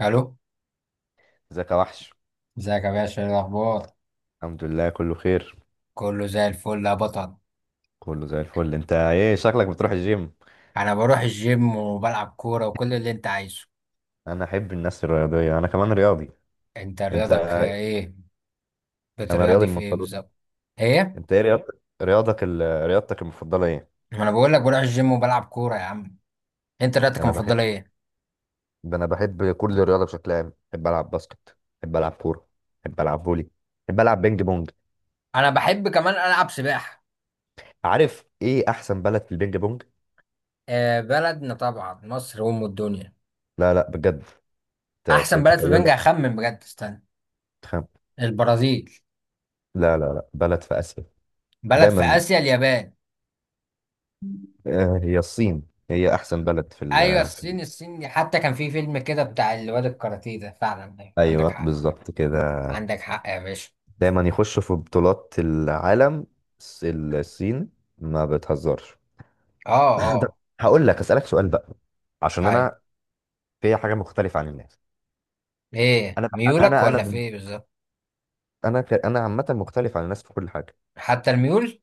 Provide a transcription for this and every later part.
الو. ازيك يا وحش. ازيك يا باشا؟ ايه الاخبار؟ الحمد لله كله خير. كله زي الفل يا بطل. كله زي الفل. انت ايه شكلك بتروح الجيم؟ انا بروح الجيم وبلعب كوره وكل اللي انت عايزه. انا احب الناس الرياضيه، انا كمان رياضي. انت انت. رياضك ايه؟ انا رياضي بترياضي من في ايه مفضلات. بالظبط؟ ايه؟ انت ايه رياضتك؟ رياضتك المفضله ايه؟ ما انا بقول لك بروح الجيم وبلعب كوره يا عم. انت رياضتك انا بحب المفضله ايه؟ انا بحب كل الرياضه بشكل عام، بحب العب باسكت، بحب العب كوره، بحب العب فولي، بحب العب بينج بونج. انا بحب كمان العب سباحه. عارف ايه احسن بلد في البينج بونج؟ آه، بلدنا طبعا مصر ام الدنيا. لا لا، بجد، انت في احسن بلد في بنجا تخيلك. اخمن بجد، استنى. تخم- البرازيل. لا لا لا، بلد في اسيا. بلد في دايما. اسيا، اليابان. هي الصين، هي احسن بلد في ايوه، الصين. الصين دي حتى كان في فيلم كده بتاع الواد الكاراتيه ده، فعلا أيوة، ايوه، عندك حق. بالظبط كده، عندك حق يا باشا. دايما يخشوا في بطولات العالم. الصين ما بتهزرش. اه طب، اه. هقول لك اسالك سؤال بقى. عشان هاي، انا في حاجه مختلفه عن الناس. ايه انا ميولك انا ولا في انا ايه بالظبط؟ انا عامه مختلف عن الناس في كل حاجه، حتى الميول؟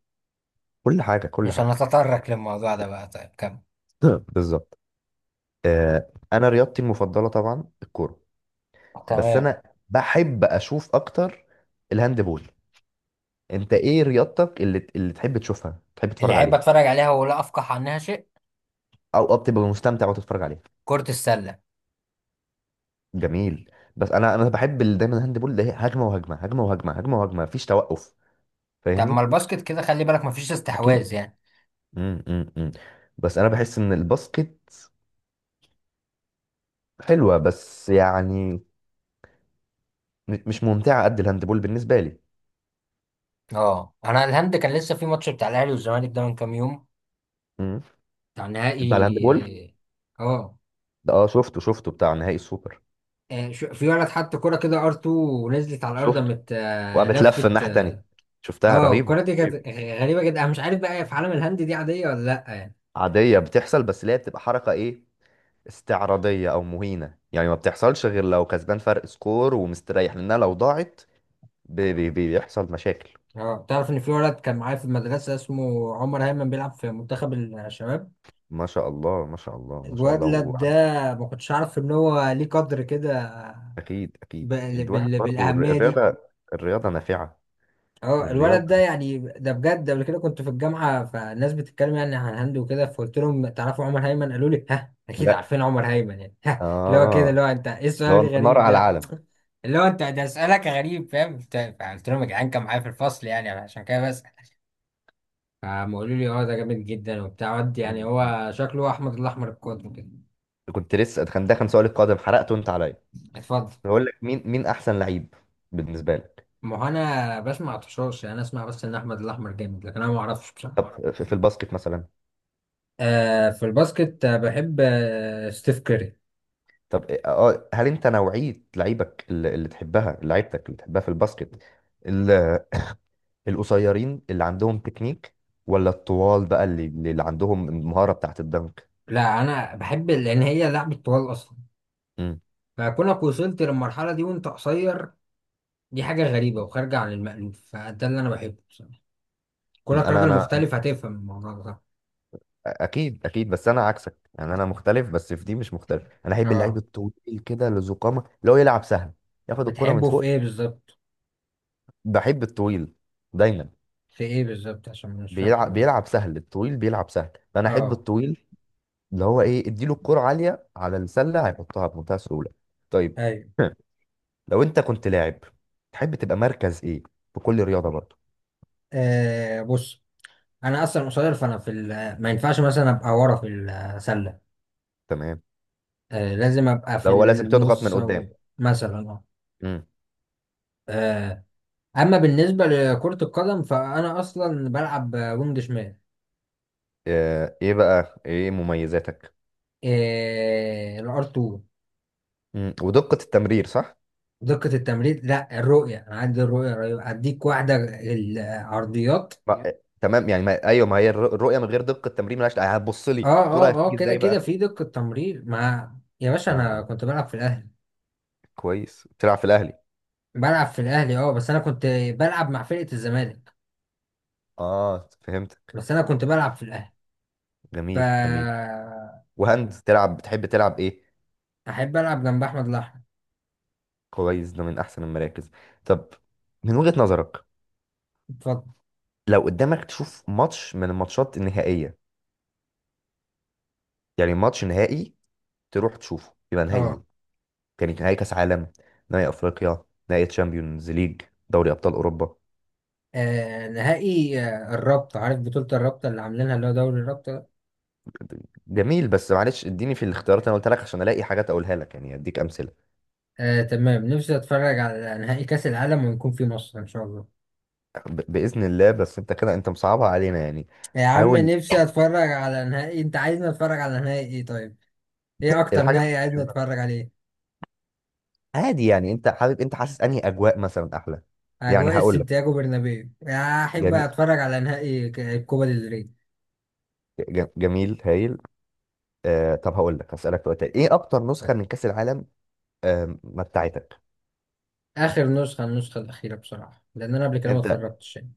كل حاجه كل مش حاجه. هنتطرق للموضوع ده بقى. طيب كم؟ بالظبط. انا رياضتي المفضله طبعا الكوره، بس تمام. انا بحب اشوف اكتر الهاندبول. انت ايه رياضتك اللي تحب تشوفها، تحب اللي تتفرج احب عليها؟ اتفرج عليها ولا افقه عنها شيء؟ او بتبقى مستمتع وتتفرج عليها؟ كرة السلة. جميل. بس انا بحب دايما الهاند بول ده، هي هجمه وهجمه، هجمه وهجمه، هجمه وهجمه، مفيش توقف. طب ما فاهمني؟ الباسكت كده، خلي بالك مفيش اكيد. استحواذ يعني. امم امم بس انا بحس ان الباسكت حلوه، بس يعني مش ممتعه قد الهاند بول بالنسبه لي. اه، انا الهند كان لسه في ماتش بتاع الاهلي والزمالك ده من كام يوم، امم. بتاع بتاع الهاند بول نهائي. اه. ده. اه، شفته، شفته بتاع نهائي السوبر. آه، في ولد حط كرة كده ار 2 ونزلت على الارض شفته. مت. وقامت لفه لفت الناحيه اه. التانيه، شفتها آه، رهيبه. الكرة دي كانت طيب. غريبة جدا. انا مش عارف بقى في عالم الهند دي عادية ولا لا يعني. عاديه بتحصل، بس اللي هي بتبقى حركه ايه، استعراضيه او مهينه، يعني ما بتحصلش غير لو كسبان فرق سكور ومستريح، لانها لو ضاعت بي بي بيحصل مشاكل. اه، تعرف ان في ولد كان معايا في المدرسه اسمه عمر هيمن، بيلعب في منتخب الشباب. ما شاء الله ما شاء الله ما شاء الله. الولد ده ما كنتش عارف ان هو ليه قدر كده اكيد اكيد. الواحد برضو بالاهميه دي. الرياضه، الرياضه نافعه. اه، الرياضه. الولد ده يعني ده بجد. قبل كده كنت في الجامعه فالناس بتتكلم يعني عن هند وكده، فقلت لهم تعرفوا عمر هيمن؟ قالوا لي ها اكيد، لا. عارفين عمر هيمن يعني، ها، اللي هو كده، اه. اللي هو انت ايه السؤال لو نار الغريب على ده، العالم. اللي هو انت ده سؤالك غريب، فاهم؟ قلت لهم يا جدعان كان معايا في الفصل يعني، عشان كده بس. فقام قالوا لي اه ده جامد جدا وبتاع ود، يعني م- م. هو شكله احمد الاحمر القادم كده. كنت لسه، كان ده كان سؤال القادم، حرقته انت عليا. اتفضل. بقول لك مين احسن لعيب بالنسبه لك؟ ما هو انا بسمع طشاش يعني. انا اسمع بس ان احمد الاحمر جامد، لكن انا ما اعرفش بصراحه. طب في الباسكت مثلا؟ آه في الباسكت. آه، بحب آه ستيف كيري. طب اه، هل انت نوعيه لعيبك اللي تحبها، لعيبتك اللي تحبها في الباسكت القصيرين اللي عندهم تكنيك، ولا الطوال بقى اللي عندهم المهارة بتاعت الدنك؟ لا، انا بحب لان هي لعبه طوال اصلا. مم. فكونك وصلت للمرحله دي وانت قصير، دي حاجه غريبه وخارجه عن المألوف، فده اللي انا بحبه بصراحه. كونك انا راجل انا مختلف أنا- هتفهم الموضوع ده. اكيد اكيد، بس انا عكسك يعني، انا مختلف بس في دي مش مختلف، انا احب اللعيب اه. الطويل كده اللي ذو قامه، اللي هو يلعب سهل، ياخد الكرة من بتحبه في فوق. ايه بالظبط؟ بحب الطويل دايما. في ايه بالظبط عشان مش فاهم بيلعب، حضرتك؟ بيلعب سهل، الطويل بيلعب سهل، فانا احب اه. الطويل. اللي هو ايه، اديله الكرة عالية على السلة هيحطها بمنتهى السهولة. طيب. ايوه. لو انت كنت لاعب، تحب تبقى مركز ايه في كل رياضة برضه؟ آه بص، انا اصلا قصير فانا في ما ينفعش مثلا ابقى ورا في السله. تمام. آه، لازم ابقى في لو هو لازم تضغط من النص او قدام. مثلا. اه. امم. آه، اما بالنسبه لكره القدم فانا اصلا بلعب وينج شمال. آه، ايه بقى ايه مميزاتك؟ آه، الار 2. امم، ودقة التمرير صح؟ دقه التمرير؟ لا، الرؤيه. انا عندي الرؤيه رهيبة. هديك واحده، العرضيات. ما... يب. آه، تمام يعني. ما... ايوه، ما هي الرؤية من غير دقة التمرير ملهاش، آه، هتبص اه لي الكرة اه اه، هتيجي كده ازاي كده بقى. في دقه تمرير مع. يا باشا اه، انا آه، كنت بلعب في الاهلي. كويس تلعب في الاهلي. بلعب في الاهلي اه، بس انا كنت بلعب مع فرقه الزمالك. اه فهمتك. بس انا كنت بلعب في الاهلي. ف. جميل جميل. وهند تلعب، بتحب تلعب ايه؟ احب العب جنب احمد الاحمر. كويس، ده من احسن المراكز. طب، من وجهة نظرك، اتفضل. لو قدامك تشوف ماتش من الماتشات النهائية، يعني ماتش نهائي تروح تشوفه، يبقى نهائي إيه؟ اه. كانت نهائي كاس عالم، نهائي افريقيا، نهائي تشامبيونز ليج، دوري ابطال اوروبا. آه، نهائي. آه، الرابطة، عارف بطولة الرابطة اللي عاملينها اللي هو دوري الرابطة ده؟ جميل، بس معلش اديني في الاختيارات اللي انا قلت لك عشان الاقي حاجات اقولها لك، يعني اديك امثله. آه تمام، نفسي اتفرج على نهائي كأس العالم ويكون في مصر ان شاء الله. باذن الله، بس انت كده انت مصعبها علينا يعني. يا عم حاول. نفسي اتفرج على نهائي. انت عايزني اتفرج على نهائي ايه؟ طيب ايه اكتر الحاجه اللي نهائي انت عايزني عايزها. اتفرج عليه؟ عادي، يعني انت حابب، انت حاسس انهي اجواء مثلا احلى؟ يعني اجواء هقول لك. السنتياجو برنابيو. يا احب جميل. اتفرج على نهائي الكوبا ديل ري. جميل هايل. آه طب هقول لك، هسالك سؤال تاني، ايه اكتر نسخه من كاس العالم آه متعتك؟ اخر نسخة، النسخة الاخيرة بصراحة، لان انا قبل كده ما انت، اتفرجتش يعني.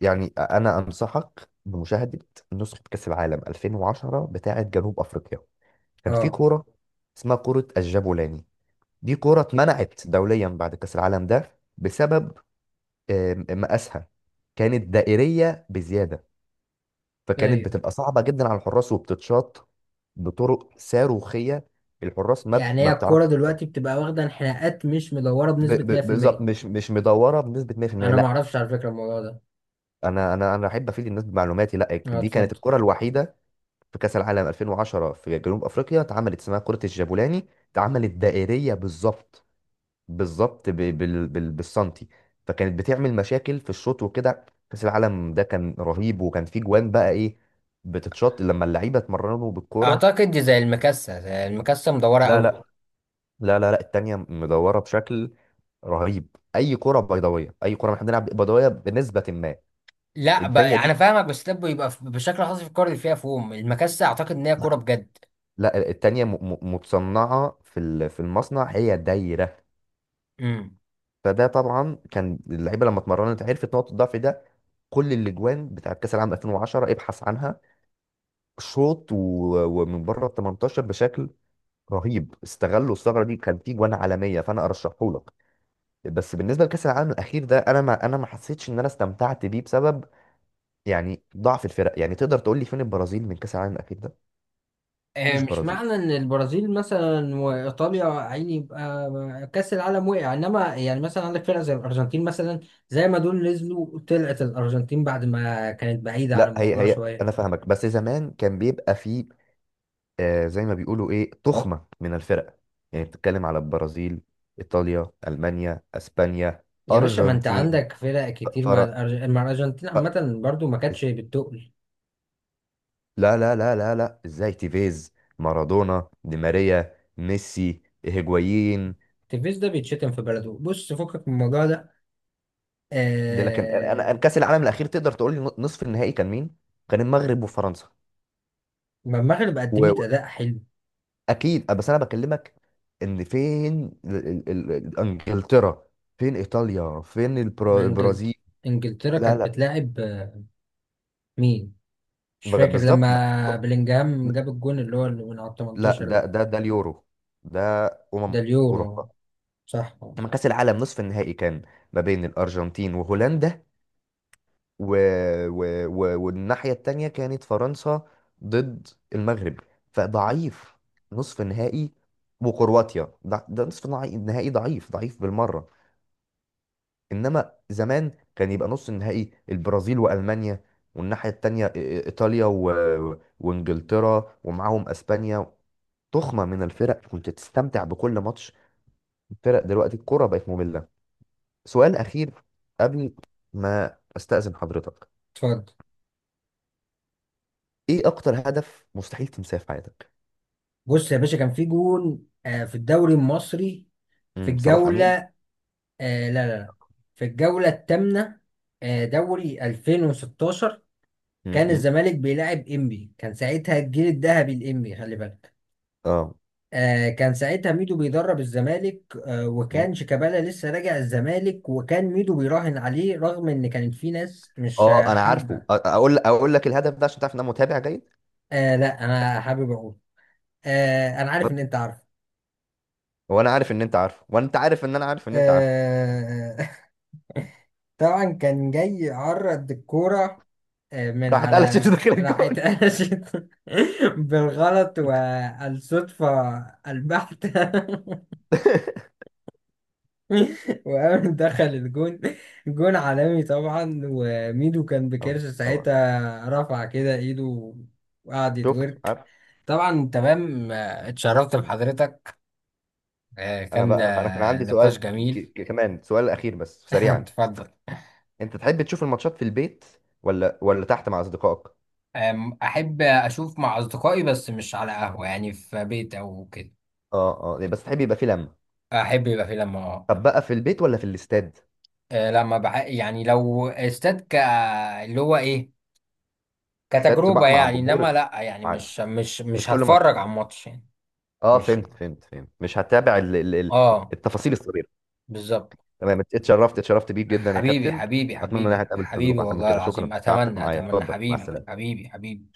يعني انا انصحك بمشاهده نسخه كاس العالم 2010 بتاعه جنوب افريقيا. كان في اه. كوره اسمها كوره الجابولاني. دي كوره اتمنعت دوليا بعد كاس العالم ده بسبب، مقاسها، كانت دائريه بزياده، فكانت ايوه. بتبقى صعبه جدا على الحراس وبتتشاط بطرق صاروخيه، الحراس يعني ما هي بتعرف. الكورة دلوقتي بتبقى واخدة انحناءات، مش مدورة بنسبة بالظبط، 100%. مش مش مدوره بنسبه 100%، أنا لا. معرفش على فكرة الموضوع ده. انا انا احب افيد الناس بمعلوماتي. لا، أه دي كانت اتفضل. الكره الوحيده في كأس العالم 2010 في جنوب أفريقيا، اتعملت اسمها كرة الجابولاني، اتعملت دائرية بالظبط، بالظبط بالسنتي. فكانت بتعمل مشاكل في الشوط وكده. كأس العالم ده كان رهيب، وكان فيه جوان بقى إيه، بتتشط لما اللعيبة اتمرنوا بالكرة. اعتقد دي زي المكسه. زي المكسه، مدوره لا قوي. لا لا لا لا التانية مدورة بشكل رهيب. أي كرة بيضاوية، أي كرة احنا بنلعب بيضاوية بنسبة ما. لا بقى التانية دي، انا فاهمك، بس ده بيبقى بشكل خاص في الكوره اللي فيها فوم المكسه، اعتقد ان هي كوره بجد. لا التانية متصنعة في في المصنع، هي دايرة. امم. فده طبعا كان اللعيبه لما اتمرنت عرفت نقطه الضعف ده. كل الاجوان بتاعت كاس العالم 2010 ابحث عنها، شوط ومن بره ال 18 بشكل رهيب، استغلوا الثغره دي، كان في جوان عالميه فانا ارشحه لك. بس بالنسبه لكاس العالم الاخير ده، انا ما حسيتش ان انا استمتعت بيه بسبب، يعني ضعف الفرق. يعني تقدر تقول لي فين البرازيل من كاس العالم الاخير ده؟ آه، مفيش مش برازيل. معنى ان البرازيل مثلا وايطاليا عيني يبقى كاس العالم وقع، انما يعني مثلا عندك فرق زي الارجنتين مثلا. زي ما دول نزلوا طلعت الارجنتين بعد ما كانت بعيده عن لا هي الموضوع هي، انا شويه. فاهمك، بس زمان كان بيبقى فيه، آه، زي ما بيقولوا ايه، تخمة من الفرق. يعني بتتكلم على البرازيل، ايطاليا، المانيا، اسبانيا، يا باشا ما انت ارجنتين، عندك فرق كتير. مع فرق. مع الارجنتين عامه برضو ما كانتش بتقل. لا، ازاي؟ تيفيز، مارادونا، دي ماريا، ميسي، هيجوايين. تيفيز ده بيتشتم في بلده، بص فكك من الموضوع ده. ده لكن انا، أنا آه... كاس العالم الاخير تقدر تقول لي نصف النهائي كان مين؟ كان المغرب وفرنسا. ما المغرب قدمت اداء حلو. واكيد، بس انا بكلمك ان فين انجلترا، فين ايطاليا، فين ما انجلت... البرازيل. انجلترا لا كانت لا. بتلاعب آه، مين؟ مش فاكر لما بالظبط. بلينجهام جاب الجون اللي هو اللي من على لا، 18 ده ده؟ ده ده اليورو ده. أمم. ده أوروبا. اليورو. صح. لما كأس العالم نصف النهائي كان ما بين الأرجنتين وهولندا، و... والناحية التانية كانت فرنسا ضد المغرب، فضعيف نصف نهائي، وكرواتيا، ده نصف نهائي ضعيف، ضعيف بالمرة. إنما زمان كان يبقى نص النهائي البرازيل وألمانيا، والناحية التانية إيطاليا وإنجلترا ومعاهم أسبانيا، تخمة من الفرق، كنت تستمتع بكل ماتش. الفرق دلوقتي الكرة بقت مملة. سؤال أخير قبل ما أستأذن حضرتك، اتفضل. إيه أكتر هدف مستحيل تنساه في حياتك؟ بص يا باشا، كان في جون آه في الدوري المصري، في امم، صلاح الجولة، أمين؟ آه لا لا لا، في الجولة الثامنة، آه دوري 2016. كان امم. الزمالك بيلاعب انبي، كان ساعتها الجيل الذهبي الانبي خلي بالك. آه. آه، كان ساعتها ميدو بيدرب الزمالك، آه، مم. وكان شيكابالا لسه راجع الزمالك، وكان ميدو بيراهن عليه رغم ان كانت في ناس مش آه، آه، أنا عارفه، حابة. أقول، أقول لك الهدف ده عشان تعرف إن أنا متابع جيد. آه لا، انا حابب اقول. آه انا عارف ان انت عارف. وأنا عارف إن أنت عارفه، وأنت عارف إن أنا عارف إن أنت عارفه. آه. طبعا كان جاي يعرض الكورة آه، من راح اتقلشت على. داخل راحت الجون. قلشت بالغلط والصدفة البحتة. وقام دخل الجون. جون عالمي طبعا، وميدو كان آه، بكرش طبعا. ساعتها، رفع كده ايده وقعد شفت، يتورك. عارف. طبعا تمام. آه، اتشرفت مم. بحضرتك. آه، أنا كان بقى، أنا كان آه، عندي سؤال نقاش جميل. كمان سؤال أخير بس سريعا. اتفضل. انت تحب تشوف الماتشات في البيت ولا تحت مع اصدقائك؟ آم، احب اشوف مع اصدقائي، بس مش على قهوة يعني، في بيت او كده. اه اه، يعني بس تحب يبقى في لمه. احب يبقى في لما اه. طب بقى في البيت ولا في الاستاد؟ آه، يعني لو استاد ك، اللي هو ايه، استاد كتجربة بقى مع يعني، انما الجمهور، لا يعني، عادي، مش مش مش مش كل ماتش. هتفرج على الماتش يعني. اه، مش، فهمت فهمت فهمت، مش هتابع ال ال ال اه، التفاصيل الصغيره. بالظبط. تمام، اتشرفت، اتشرفت بيك جدا يا حبيبي كابتن. حبيبي اتمنى ان حبيبي احنا نتقابل في حبيبي ظروف احسن من والله كده، شكرا، العظيم، تعبتك اتمنى معايا، اتمنى اتفضل مع حبيبي السلامه. حبيبي حبيبي.